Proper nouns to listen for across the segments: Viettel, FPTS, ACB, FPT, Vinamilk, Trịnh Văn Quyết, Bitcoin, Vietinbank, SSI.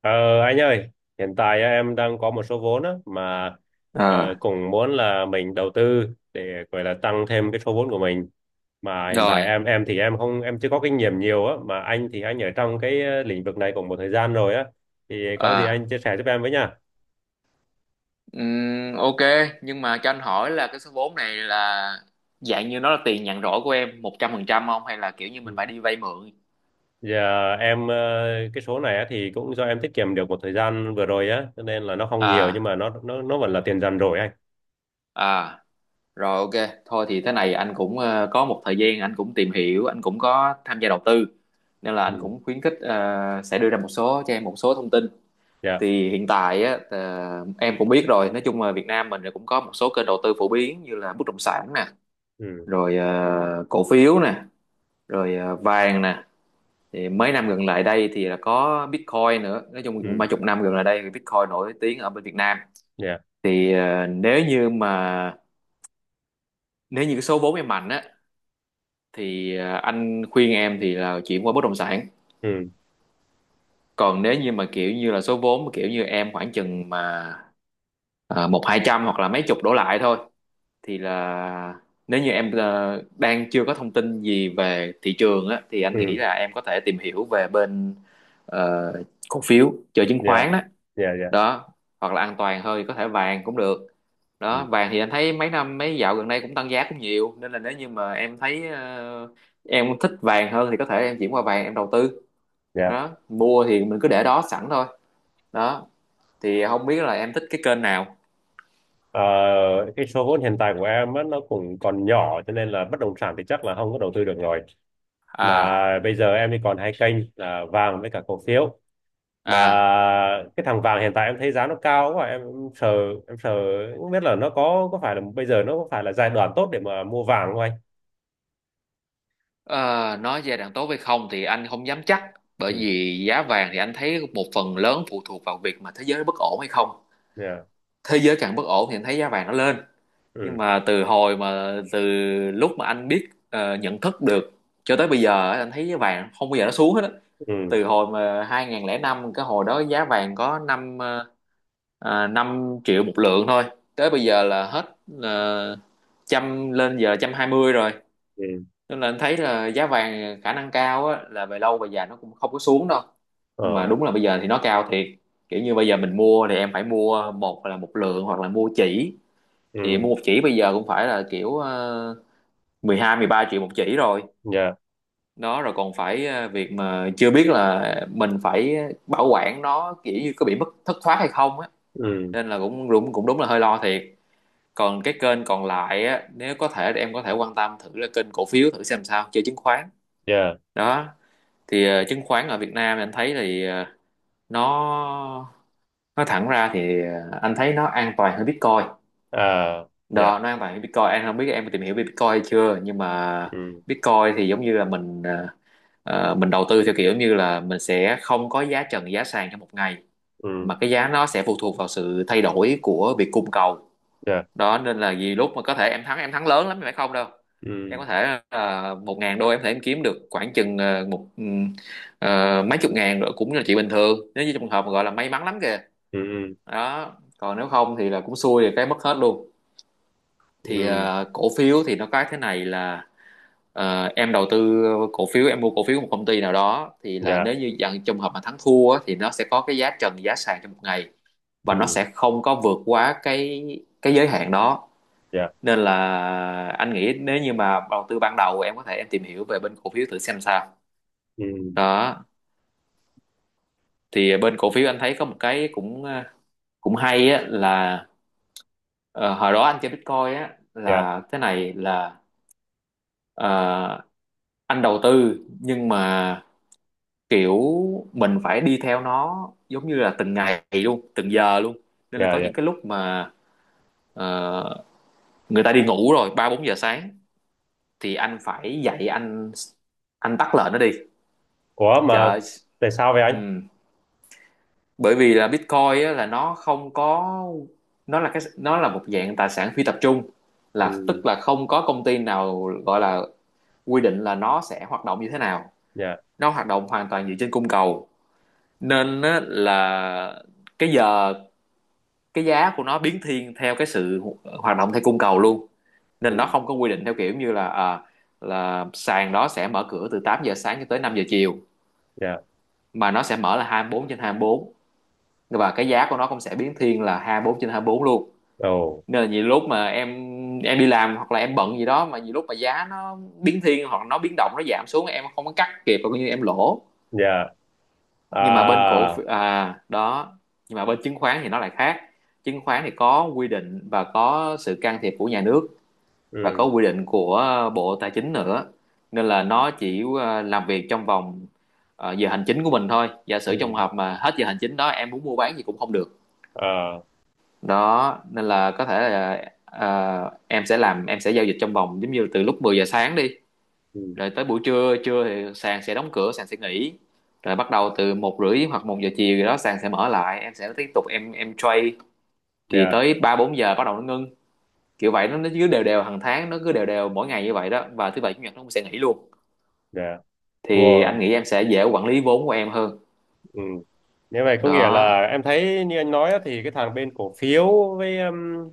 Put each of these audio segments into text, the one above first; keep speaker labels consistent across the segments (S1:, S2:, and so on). S1: Ờ, anh ơi, hiện tại á, em đang có một số vốn á, mà ờ,
S2: à
S1: cũng muốn là mình đầu tư để gọi là tăng thêm cái số vốn của mình. Mà hiện tại
S2: Rồi,
S1: em thì em không em chưa có kinh nghiệm nhiều á, mà anh thì anh ở trong cái lĩnh vực này cũng một thời gian rồi á, thì có gì
S2: à,
S1: anh chia sẻ giúp em với nha.
S2: ok, nhưng mà cho anh hỏi là cái số vốn này là dạng như nó là tiền nhàn rỗi của em 100% không hay là kiểu như mình
S1: Ừ.
S2: phải đi vay mượn?
S1: Giờ em cái số này á, thì cũng do em tiết kiệm được một thời gian vừa rồi á, cho nên là nó không nhiều nhưng
S2: À,
S1: mà nó vẫn là tiền dần rồi anh.
S2: à, Rồi, ok, thôi thì thế này anh cũng có một thời gian anh cũng tìm hiểu, anh cũng có tham gia đầu tư nên là anh
S1: Ừ.
S2: cũng khuyến khích, sẽ đưa ra một số cho em một số thông tin.
S1: Dạ,
S2: Thì hiện tại á, em cũng biết rồi, nói chung là Việt Nam mình cũng có một số kênh đầu tư phổ biến như là bất động sản nè,
S1: ừ,
S2: rồi cổ phiếu nè, rồi vàng nè. Thì mấy năm gần lại đây thì là có Bitcoin nữa, nói chung cũng
S1: ừ,
S2: mấy chục năm gần lại đây thì Bitcoin nổi tiếng ở bên Việt Nam.
S1: dạ,
S2: Thì nếu như cái số vốn em mạnh á thì anh khuyên em thì là chuyển qua bất động sản.
S1: ừ,
S2: Còn nếu như mà kiểu như là số vốn mà kiểu như em khoảng chừng mà một hai trăm hoặc là mấy chục đổ lại thôi thì là, nếu như em đang chưa có thông tin gì về thị trường á thì anh nghĩ
S1: ừ,
S2: là em có thể tìm hiểu về bên ờ, cổ phiếu, chơi chứng
S1: dạ,
S2: khoán đó.
S1: dạ, dạ. Dạ,
S2: Đó, hoặc là an toàn hơi có thể vàng cũng được.
S1: ừ.
S2: Đó, vàng thì anh thấy mấy năm mấy dạo gần đây cũng tăng giá cũng nhiều nên là nếu như mà em thấy, em thích vàng hơn thì có thể em chuyển qua vàng em đầu tư.
S1: Dạ.
S2: Đó, mua thì mình cứ để đó sẵn thôi. Đó, thì không biết là em thích cái kênh nào.
S1: Ờ, cái số vốn hiện tại của em á, nó cũng còn nhỏ cho nên là bất động sản thì chắc là không có đầu tư được rồi.
S2: à
S1: Mà bây giờ em thì còn hai kênh là vàng với cả cổ phiếu. Mà
S2: à
S1: cái thằng vàng hiện tại em thấy giá nó cao quá, sợ em sợ không biết là nó có phải là bây giờ nó có phải là giai đoạn tốt để mà mua vàng không anh?
S2: ờ, nói giai đoạn tốt hay không thì anh không dám chắc, bởi
S1: Ừ.
S2: vì giá vàng thì anh thấy một phần lớn phụ thuộc vào việc mà thế giới nó bất ổn hay không.
S1: Dạ.
S2: Thế giới càng bất ổn thì anh thấy giá vàng nó lên. Nhưng
S1: Ừ.
S2: mà từ lúc mà anh biết, nhận thức được cho tới bây giờ á, anh thấy giá vàng không bao giờ nó xuống hết á.
S1: Ừ.
S2: Từ hồi mà 2005, cái hồi đó giá vàng có năm, 5 triệu một lượng thôi, tới bây giờ là hết ờ, 100, lên giờ 120 rồi.
S1: Ừ.
S2: Nên là anh thấy là giá vàng khả năng cao á, là về lâu về dài nó cũng không có xuống đâu. Nhưng mà
S1: Ờ.
S2: đúng là bây giờ thì nó cao thiệt, kiểu như bây giờ mình mua thì em phải mua, một là một lượng hoặc là mua chỉ. Thì mua
S1: Ừ.
S2: một chỉ bây giờ cũng phải là kiểu, 12 13 triệu một chỉ rồi.
S1: Dạ.
S2: Đó, rồi còn phải việc mà chưa biết là mình phải bảo quản nó, kiểu như có bị mất thất thoát hay không á.
S1: Ừ.
S2: Nên là cũng đúng là hơi lo thiệt. Còn cái kênh còn lại á, nếu có thể thì em có thể quan tâm thử là kênh cổ phiếu, thử xem sao, chơi chứng khoán
S1: Dạ.
S2: đó. Thì chứng khoán ở Việt Nam anh thấy thì, nó nói thẳng ra thì, anh thấy nó an toàn hơn Bitcoin.
S1: À.
S2: Đó,
S1: Dạ.
S2: nói bạn Bitcoin em không biết em có tìm hiểu về Bitcoin hay chưa, nhưng mà
S1: Ừ.
S2: Bitcoin thì giống như là mình, mình đầu tư theo kiểu như là mình sẽ không có giá trần giá sàn trong một ngày,
S1: Ừ.
S2: mà cái giá nó sẽ phụ thuộc vào sự thay đổi của việc cung cầu.
S1: Dạ.
S2: Đó, nên là vì lúc mà có thể em thắng lớn lắm nhưng phải không đâu. Em
S1: Ừ.
S2: có thể, 1.000 đô em có thể em kiếm được khoảng chừng ờ, mấy chục ngàn rồi cũng là chuyện bình thường nếu như trong trường hợp mà gọi là may mắn lắm kìa.
S1: Ừ. Ừ.
S2: Đó, còn nếu không thì là cũng xui thì cái mất hết luôn.
S1: Ừ.
S2: Thì cổ phiếu thì nó có thế này là, em đầu tư cổ phiếu, em mua cổ phiếu của một công ty nào đó thì là
S1: Dạ.
S2: nếu như dạng trong hợp mà thắng thua á, thì nó sẽ có cái giá trần giá sàn trong một ngày, và nó
S1: Ừ.
S2: sẽ không có vượt quá cái giới hạn đó.
S1: Dạ,
S2: Nên là anh nghĩ nếu như mà đầu tư ban đầu, em có thể em tìm hiểu về bên cổ phiếu, thử xem sao
S1: ừ,
S2: đó. Thì bên cổ phiếu anh thấy có một cái cũng, cũng hay á, là ờ, hồi đó anh chơi Bitcoin á
S1: dạ,
S2: là thế này là, ờ, anh đầu tư nhưng mà kiểu mình phải đi theo nó giống như là từng ngày luôn, từng giờ luôn. Nên là
S1: dạ,
S2: có
S1: dạ.
S2: những cái lúc mà, ờ, người ta đi ngủ rồi, 3 - 4 giờ sáng thì anh phải dậy, anh tắt lệnh nó đi.
S1: Ủa
S2: Trời
S1: mà
S2: ơi.
S1: tại sao vậy
S2: Ừ,
S1: anh?
S2: bởi vì là Bitcoin á, là nó không có nó là nó là một dạng tài sản phi tập trung, là
S1: Ừ.
S2: tức là không có công ty nào gọi là quy định là nó sẽ hoạt động như thế nào.
S1: Dạ.
S2: Nó hoạt động hoàn toàn dựa trên cung cầu, nên á, là cái giờ cái giá của nó biến thiên theo cái sự hoạt động theo cung cầu luôn. Nên nó
S1: Ừ.
S2: không có quy định theo kiểu như là, là sàn đó sẽ mở cửa từ 8 giờ sáng cho tới 5 giờ chiều,
S1: Dạ.
S2: mà nó sẽ mở là 24/24, và cái giá của nó cũng sẽ biến thiên là 24/24 luôn.
S1: Ồ.
S2: Nên là nhiều lúc mà em đi làm hoặc là em bận gì đó, mà nhiều lúc mà giá nó biến thiên hoặc nó biến động nó giảm xuống em không có cắt kịp, coi như em lỗ.
S1: Dạ.
S2: Nhưng mà bên cổ
S1: À.
S2: phiếu đó, nhưng mà bên chứng khoán thì nó lại khác. Chứng khoán thì có quy định và có sự can thiệp của nhà nước, và có
S1: Ừ.
S2: quy định của Bộ Tài chính nữa. Nên là nó chỉ làm việc trong vòng giờ hành chính của mình thôi, giả sử trong
S1: Ừ.
S2: hợp mà hết giờ hành chính đó em muốn mua bán gì cũng không được.
S1: À.
S2: Đó, nên là có thể là ờ, em sẽ làm em sẽ giao dịch trong vòng giống như từ lúc 10 giờ sáng đi,
S1: Ừ.
S2: rồi tới buổi trưa trưa thì sàn sẽ đóng cửa, sàn sẽ nghỉ, rồi bắt đầu từ 1 rưỡi hoặc 1 giờ chiều gì đó sàn sẽ mở lại, em sẽ tiếp tục em trade, thì
S1: Dạ.
S2: tới 3 - 4 giờ bắt đầu nó ngưng, kiểu vậy. Nó cứ đều đều hàng tháng, nó cứ đều đều mỗi ngày như vậy đó, và thứ bảy chủ nhật nó cũng sẽ nghỉ luôn.
S1: Dạ.
S2: Thì anh
S1: Ồ.
S2: nghĩ em sẽ dễ quản lý vốn của em hơn
S1: Ừ. Như vậy có nghĩa
S2: đó.
S1: là em thấy như anh nói á, thì cái thằng bên cổ phiếu với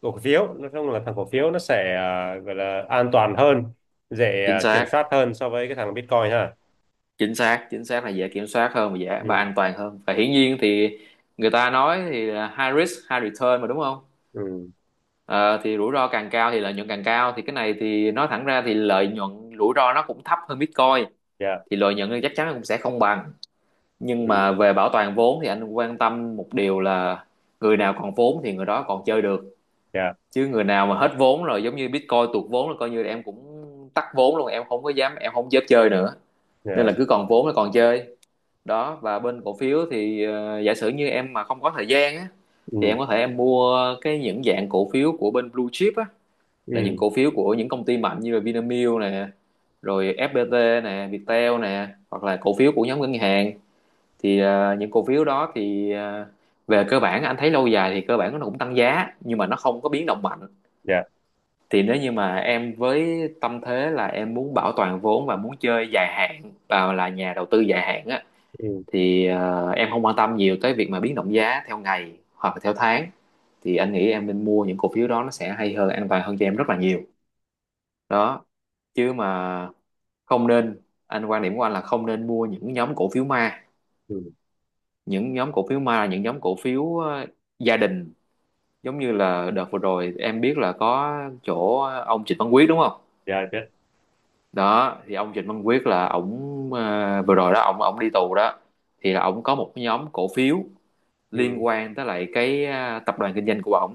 S1: cổ phiếu nói chung là thằng cổ phiếu nó sẽ gọi là an toàn hơn, dễ
S2: Chính
S1: kiểm
S2: xác,
S1: soát hơn so với cái thằng Bitcoin ha.
S2: chính xác, chính xác là dễ kiểm soát hơn và dễ và
S1: Ừ.
S2: an toàn hơn, và hiển nhiên thì người ta nói thì là high risk high return mà đúng không.
S1: Ừ.
S2: Ờ, thì rủi ro càng cao thì lợi nhuận càng cao, thì cái này thì nói thẳng ra thì lợi nhuận, rủi ro nó cũng thấp hơn Bitcoin,
S1: Dạ.
S2: thì lợi nhuận thì chắc chắn nó cũng sẽ không bằng. Nhưng mà
S1: Ừ.
S2: về bảo toàn vốn thì anh quan tâm một điều là người nào còn vốn thì người đó còn chơi được,
S1: Dạ.
S2: chứ người nào mà hết vốn rồi, giống như Bitcoin tuột vốn là coi như là em cũng tắt vốn luôn, em không có dám em không dám chơi nữa. Nên là
S1: Dạ.
S2: cứ còn vốn là còn chơi. Đó, và bên cổ phiếu thì giả sử như em mà không có thời gian á thì
S1: Ừ.
S2: em có thể em mua cái những dạng cổ phiếu của bên blue chip á, là những
S1: Ừ.
S2: cổ phiếu của những công ty mạnh như là Vinamilk nè, rồi FPT nè, Viettel nè, hoặc là cổ phiếu của nhóm ngân hàng. Thì những cổ phiếu đó thì về cơ bản anh thấy lâu dài thì cơ bản nó cũng tăng giá, nhưng mà nó không có biến động mạnh.
S1: Dạ.
S2: Thì nếu như mà em với tâm thế là em muốn bảo toàn vốn và muốn chơi dài hạn và là nhà đầu tư dài hạn á,
S1: Ừ.
S2: thì em không quan tâm nhiều tới việc mà biến động giá theo ngày hoặc là theo tháng, thì anh nghĩ em nên mua những cổ phiếu đó, nó sẽ hay hơn, an toàn hơn cho em rất là nhiều đó. Chứ mà không nên, anh quan điểm của anh là không nên mua những nhóm cổ phiếu ma.
S1: Ừ.
S2: Những nhóm cổ phiếu ma là những nhóm cổ phiếu gia đình, giống như là đợt vừa rồi em biết là có chỗ ông Trịnh Văn Quyết đúng không.
S1: Dạ biết.
S2: Đó thì ông Trịnh Văn Quyết là ổng, vừa rồi đó ổng ổng đi tù đó. Thì là ổng có một cái nhóm cổ phiếu liên
S1: Ừ.
S2: quan tới lại cái tập đoàn kinh doanh của ổng,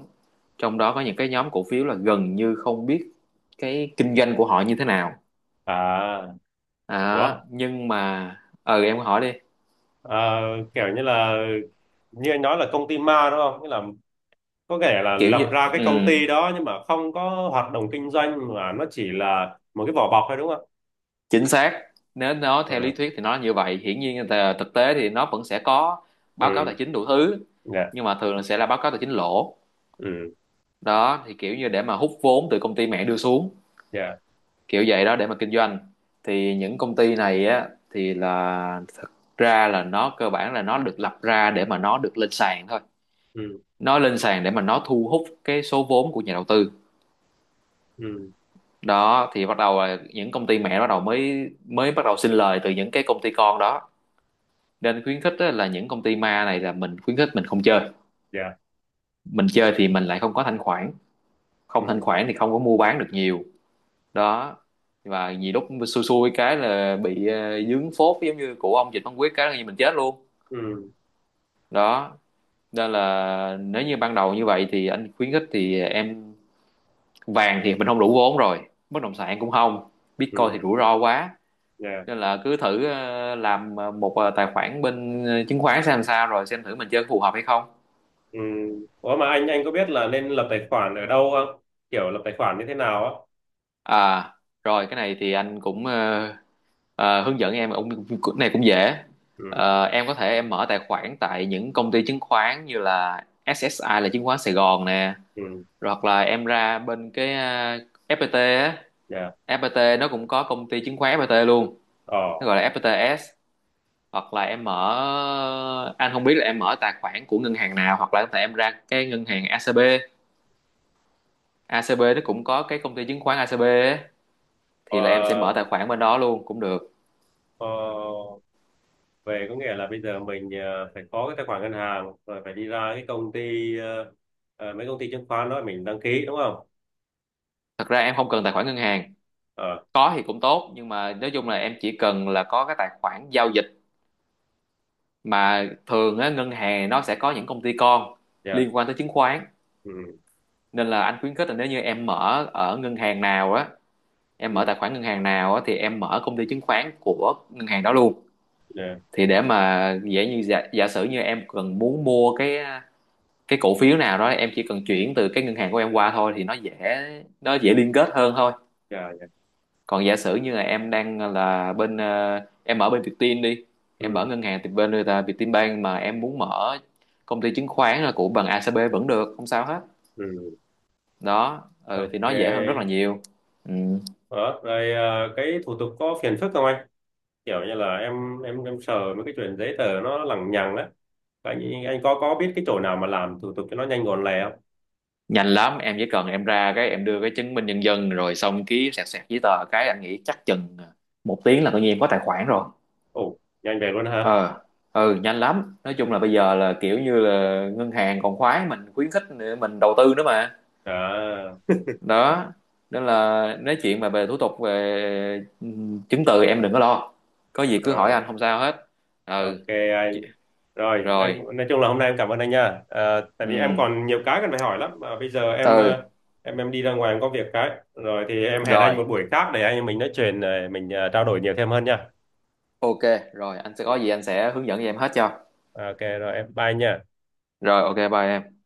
S2: trong đó có những cái nhóm cổ phiếu là gần như không biết cái kinh doanh của họ như thế nào
S1: À. Ủa.
S2: đó. Nhưng mà ừ, em hỏi đi.
S1: Ờ, kiểu như là như anh nói là công ty ma đúng không, nghĩa là có thể là
S2: Kiểu như,
S1: lập ra cái
S2: ừ,
S1: công ty đó nhưng mà không có hoạt động kinh doanh mà nó chỉ là một cái vỏ bọc thôi đúng không?
S2: chính xác. Nếu nó theo lý
S1: Ừ.
S2: thuyết thì nó là như vậy, hiển nhiên là thực tế thì nó vẫn sẽ có báo cáo
S1: Ừ.
S2: tài chính đủ thứ,
S1: Dạ.
S2: nhưng mà thường là sẽ là báo cáo tài chính lỗ
S1: Ừ.
S2: đó. Thì kiểu như để mà hút vốn từ công ty mẹ đưa xuống
S1: Dạ.
S2: kiểu vậy đó để mà kinh doanh. Thì những công ty này á thì là thực ra là nó cơ bản là nó được lập ra để mà nó được lên sàn thôi.
S1: Ừ.
S2: Nó lên sàn để mà nó thu hút cái số vốn của nhà đầu tư
S1: Ừ.
S2: đó. Thì bắt đầu là những công ty mẹ bắt đầu mới mới bắt đầu sinh lời từ những cái công ty con đó. Nên khuyến khích á, là những công ty ma này là mình khuyến khích mình không chơi.
S1: Dạ.
S2: Mình chơi thì mình lại không có thanh khoản, không thanh
S1: Ừ.
S2: khoản thì không có mua bán được nhiều đó. Và nhiều lúc xui xui cái là bị dướng phốt giống như của ông Dịch Văn Quyết cái là như mình chết luôn
S1: Ừ.
S2: đó. Nên là nếu như ban đầu như vậy thì anh khuyến khích thì em, vàng thì mình không đủ vốn rồi, bất động sản cũng không, Bitcoin thì
S1: Ừ.
S2: rủi ro quá,
S1: Dạ.
S2: nên là cứ thử làm một tài khoản bên chứng khoán xem làm sao rồi xem thử mình chơi có phù hợp hay không.
S1: Ừ. Ủa mà anh có biết là nên lập tài khoản ở đâu không? Kiểu lập tài khoản như thế nào á?
S2: À, Rồi cái này thì anh cũng hướng dẫn em ông cái này cũng dễ.
S1: Ừ.
S2: Em có thể em mở tài khoản tại những công ty chứng khoán như là SSI là chứng khoán Sài Gòn nè,
S1: Ừ.
S2: rồi hoặc là em ra bên cái FPT á,
S1: Dạ.
S2: FPT nó cũng có công ty chứng khoán FPT luôn, nó
S1: Ờ.
S2: gọi là FPTS. Hoặc là em mở, anh không biết là em mở tài khoản của ngân hàng nào, hoặc là có thể em ra cái ngân hàng ACB, ACB nó cũng có cái công ty chứng khoán ACB á, thì là em sẽ mở
S1: Ờ.
S2: tài khoản bên đó luôn cũng được.
S1: Ờ, về có nghĩa là bây giờ mình phải có cái tài khoản ngân hàng rồi phải đi ra cái công ty mấy công ty chứng khoán đó mình đăng ký đúng không?
S2: Thật ra em không cần tài khoản ngân hàng,
S1: Ờ.
S2: có thì cũng tốt nhưng mà nói chung là em chỉ cần là có cái tài khoản giao dịch. Mà thường á ngân hàng nó sẽ có những công ty con
S1: Dạ.
S2: liên quan tới chứng khoán,
S1: Ừ.
S2: nên là anh khuyến khích là nếu như em mở ở ngân hàng nào á, em mở
S1: Ừ.
S2: tài khoản ngân hàng nào á thì em mở công ty chứng khoán của ngân hàng đó luôn.
S1: Dạ.
S2: Thì để mà dễ, như giả sử như em cần muốn mua cái cổ phiếu nào đó em chỉ cần chuyển từ cái ngân hàng của em qua thôi thì nó dễ, nó dễ liên kết hơn thôi.
S1: Dạ. Dạ.
S2: Còn giả sử như là em đang là bên em ở bên Vietin đi, em mở
S1: Ừ.
S2: ngân hàng thì bên người ta Vietin Vietinbank, mà em muốn mở công ty chứng khoán là của bằng ACB vẫn được không sao hết
S1: Ừ.
S2: đó. Ừ, thì
S1: Ok.
S2: nó dễ hơn rất là nhiều. Ừ.
S1: Đó rồi, cái thủ tục có phiền phức không anh? Kiểu như là em sợ mấy cái chuyện giấy tờ nó lằng nhằng á. Anh có biết cái chỗ nào mà làm thủ tục cho nó nhanh gọn lẹ không?
S2: Nhanh lắm, em chỉ cần em ra cái em đưa cái chứng minh nhân dân rồi xong ký sẹt sẹt giấy tờ cái anh nghĩ chắc chừng một tiếng là tự nhiên em có tài khoản rồi.
S1: Ồ, nhanh về luôn ha.
S2: Ờ, ừ, nhanh lắm, nói chung là bây giờ là kiểu như là ngân hàng còn khoái mình, khuyến khích mình đầu tư nữa mà
S1: À,
S2: đó. Nên là nói chuyện mà về thủ tục về chứng từ em đừng có lo, có gì cứ hỏi
S1: à.
S2: anh không sao hết. Ừ.
S1: Ok
S2: Chị-
S1: anh. Rồi, em
S2: rồi,
S1: nói chung là hôm nay em cảm ơn anh nha. Ờ, tại
S2: ừ,
S1: vì em còn nhiều cái cần phải hỏi lắm mà bây giờ em
S2: ừ.
S1: ờ, em em đi ra ngoài em có việc cái. Rồi thì em hẹn
S2: Rồi
S1: anh một buổi khác để anh em mình nói chuyện mình trao đổi nhiều thêm hơn nha.
S2: ok, rồi anh sẽ có gì anh sẽ hướng dẫn cho em hết cho.
S1: Ok rồi, em bye nha.
S2: Rồi ok, bye em.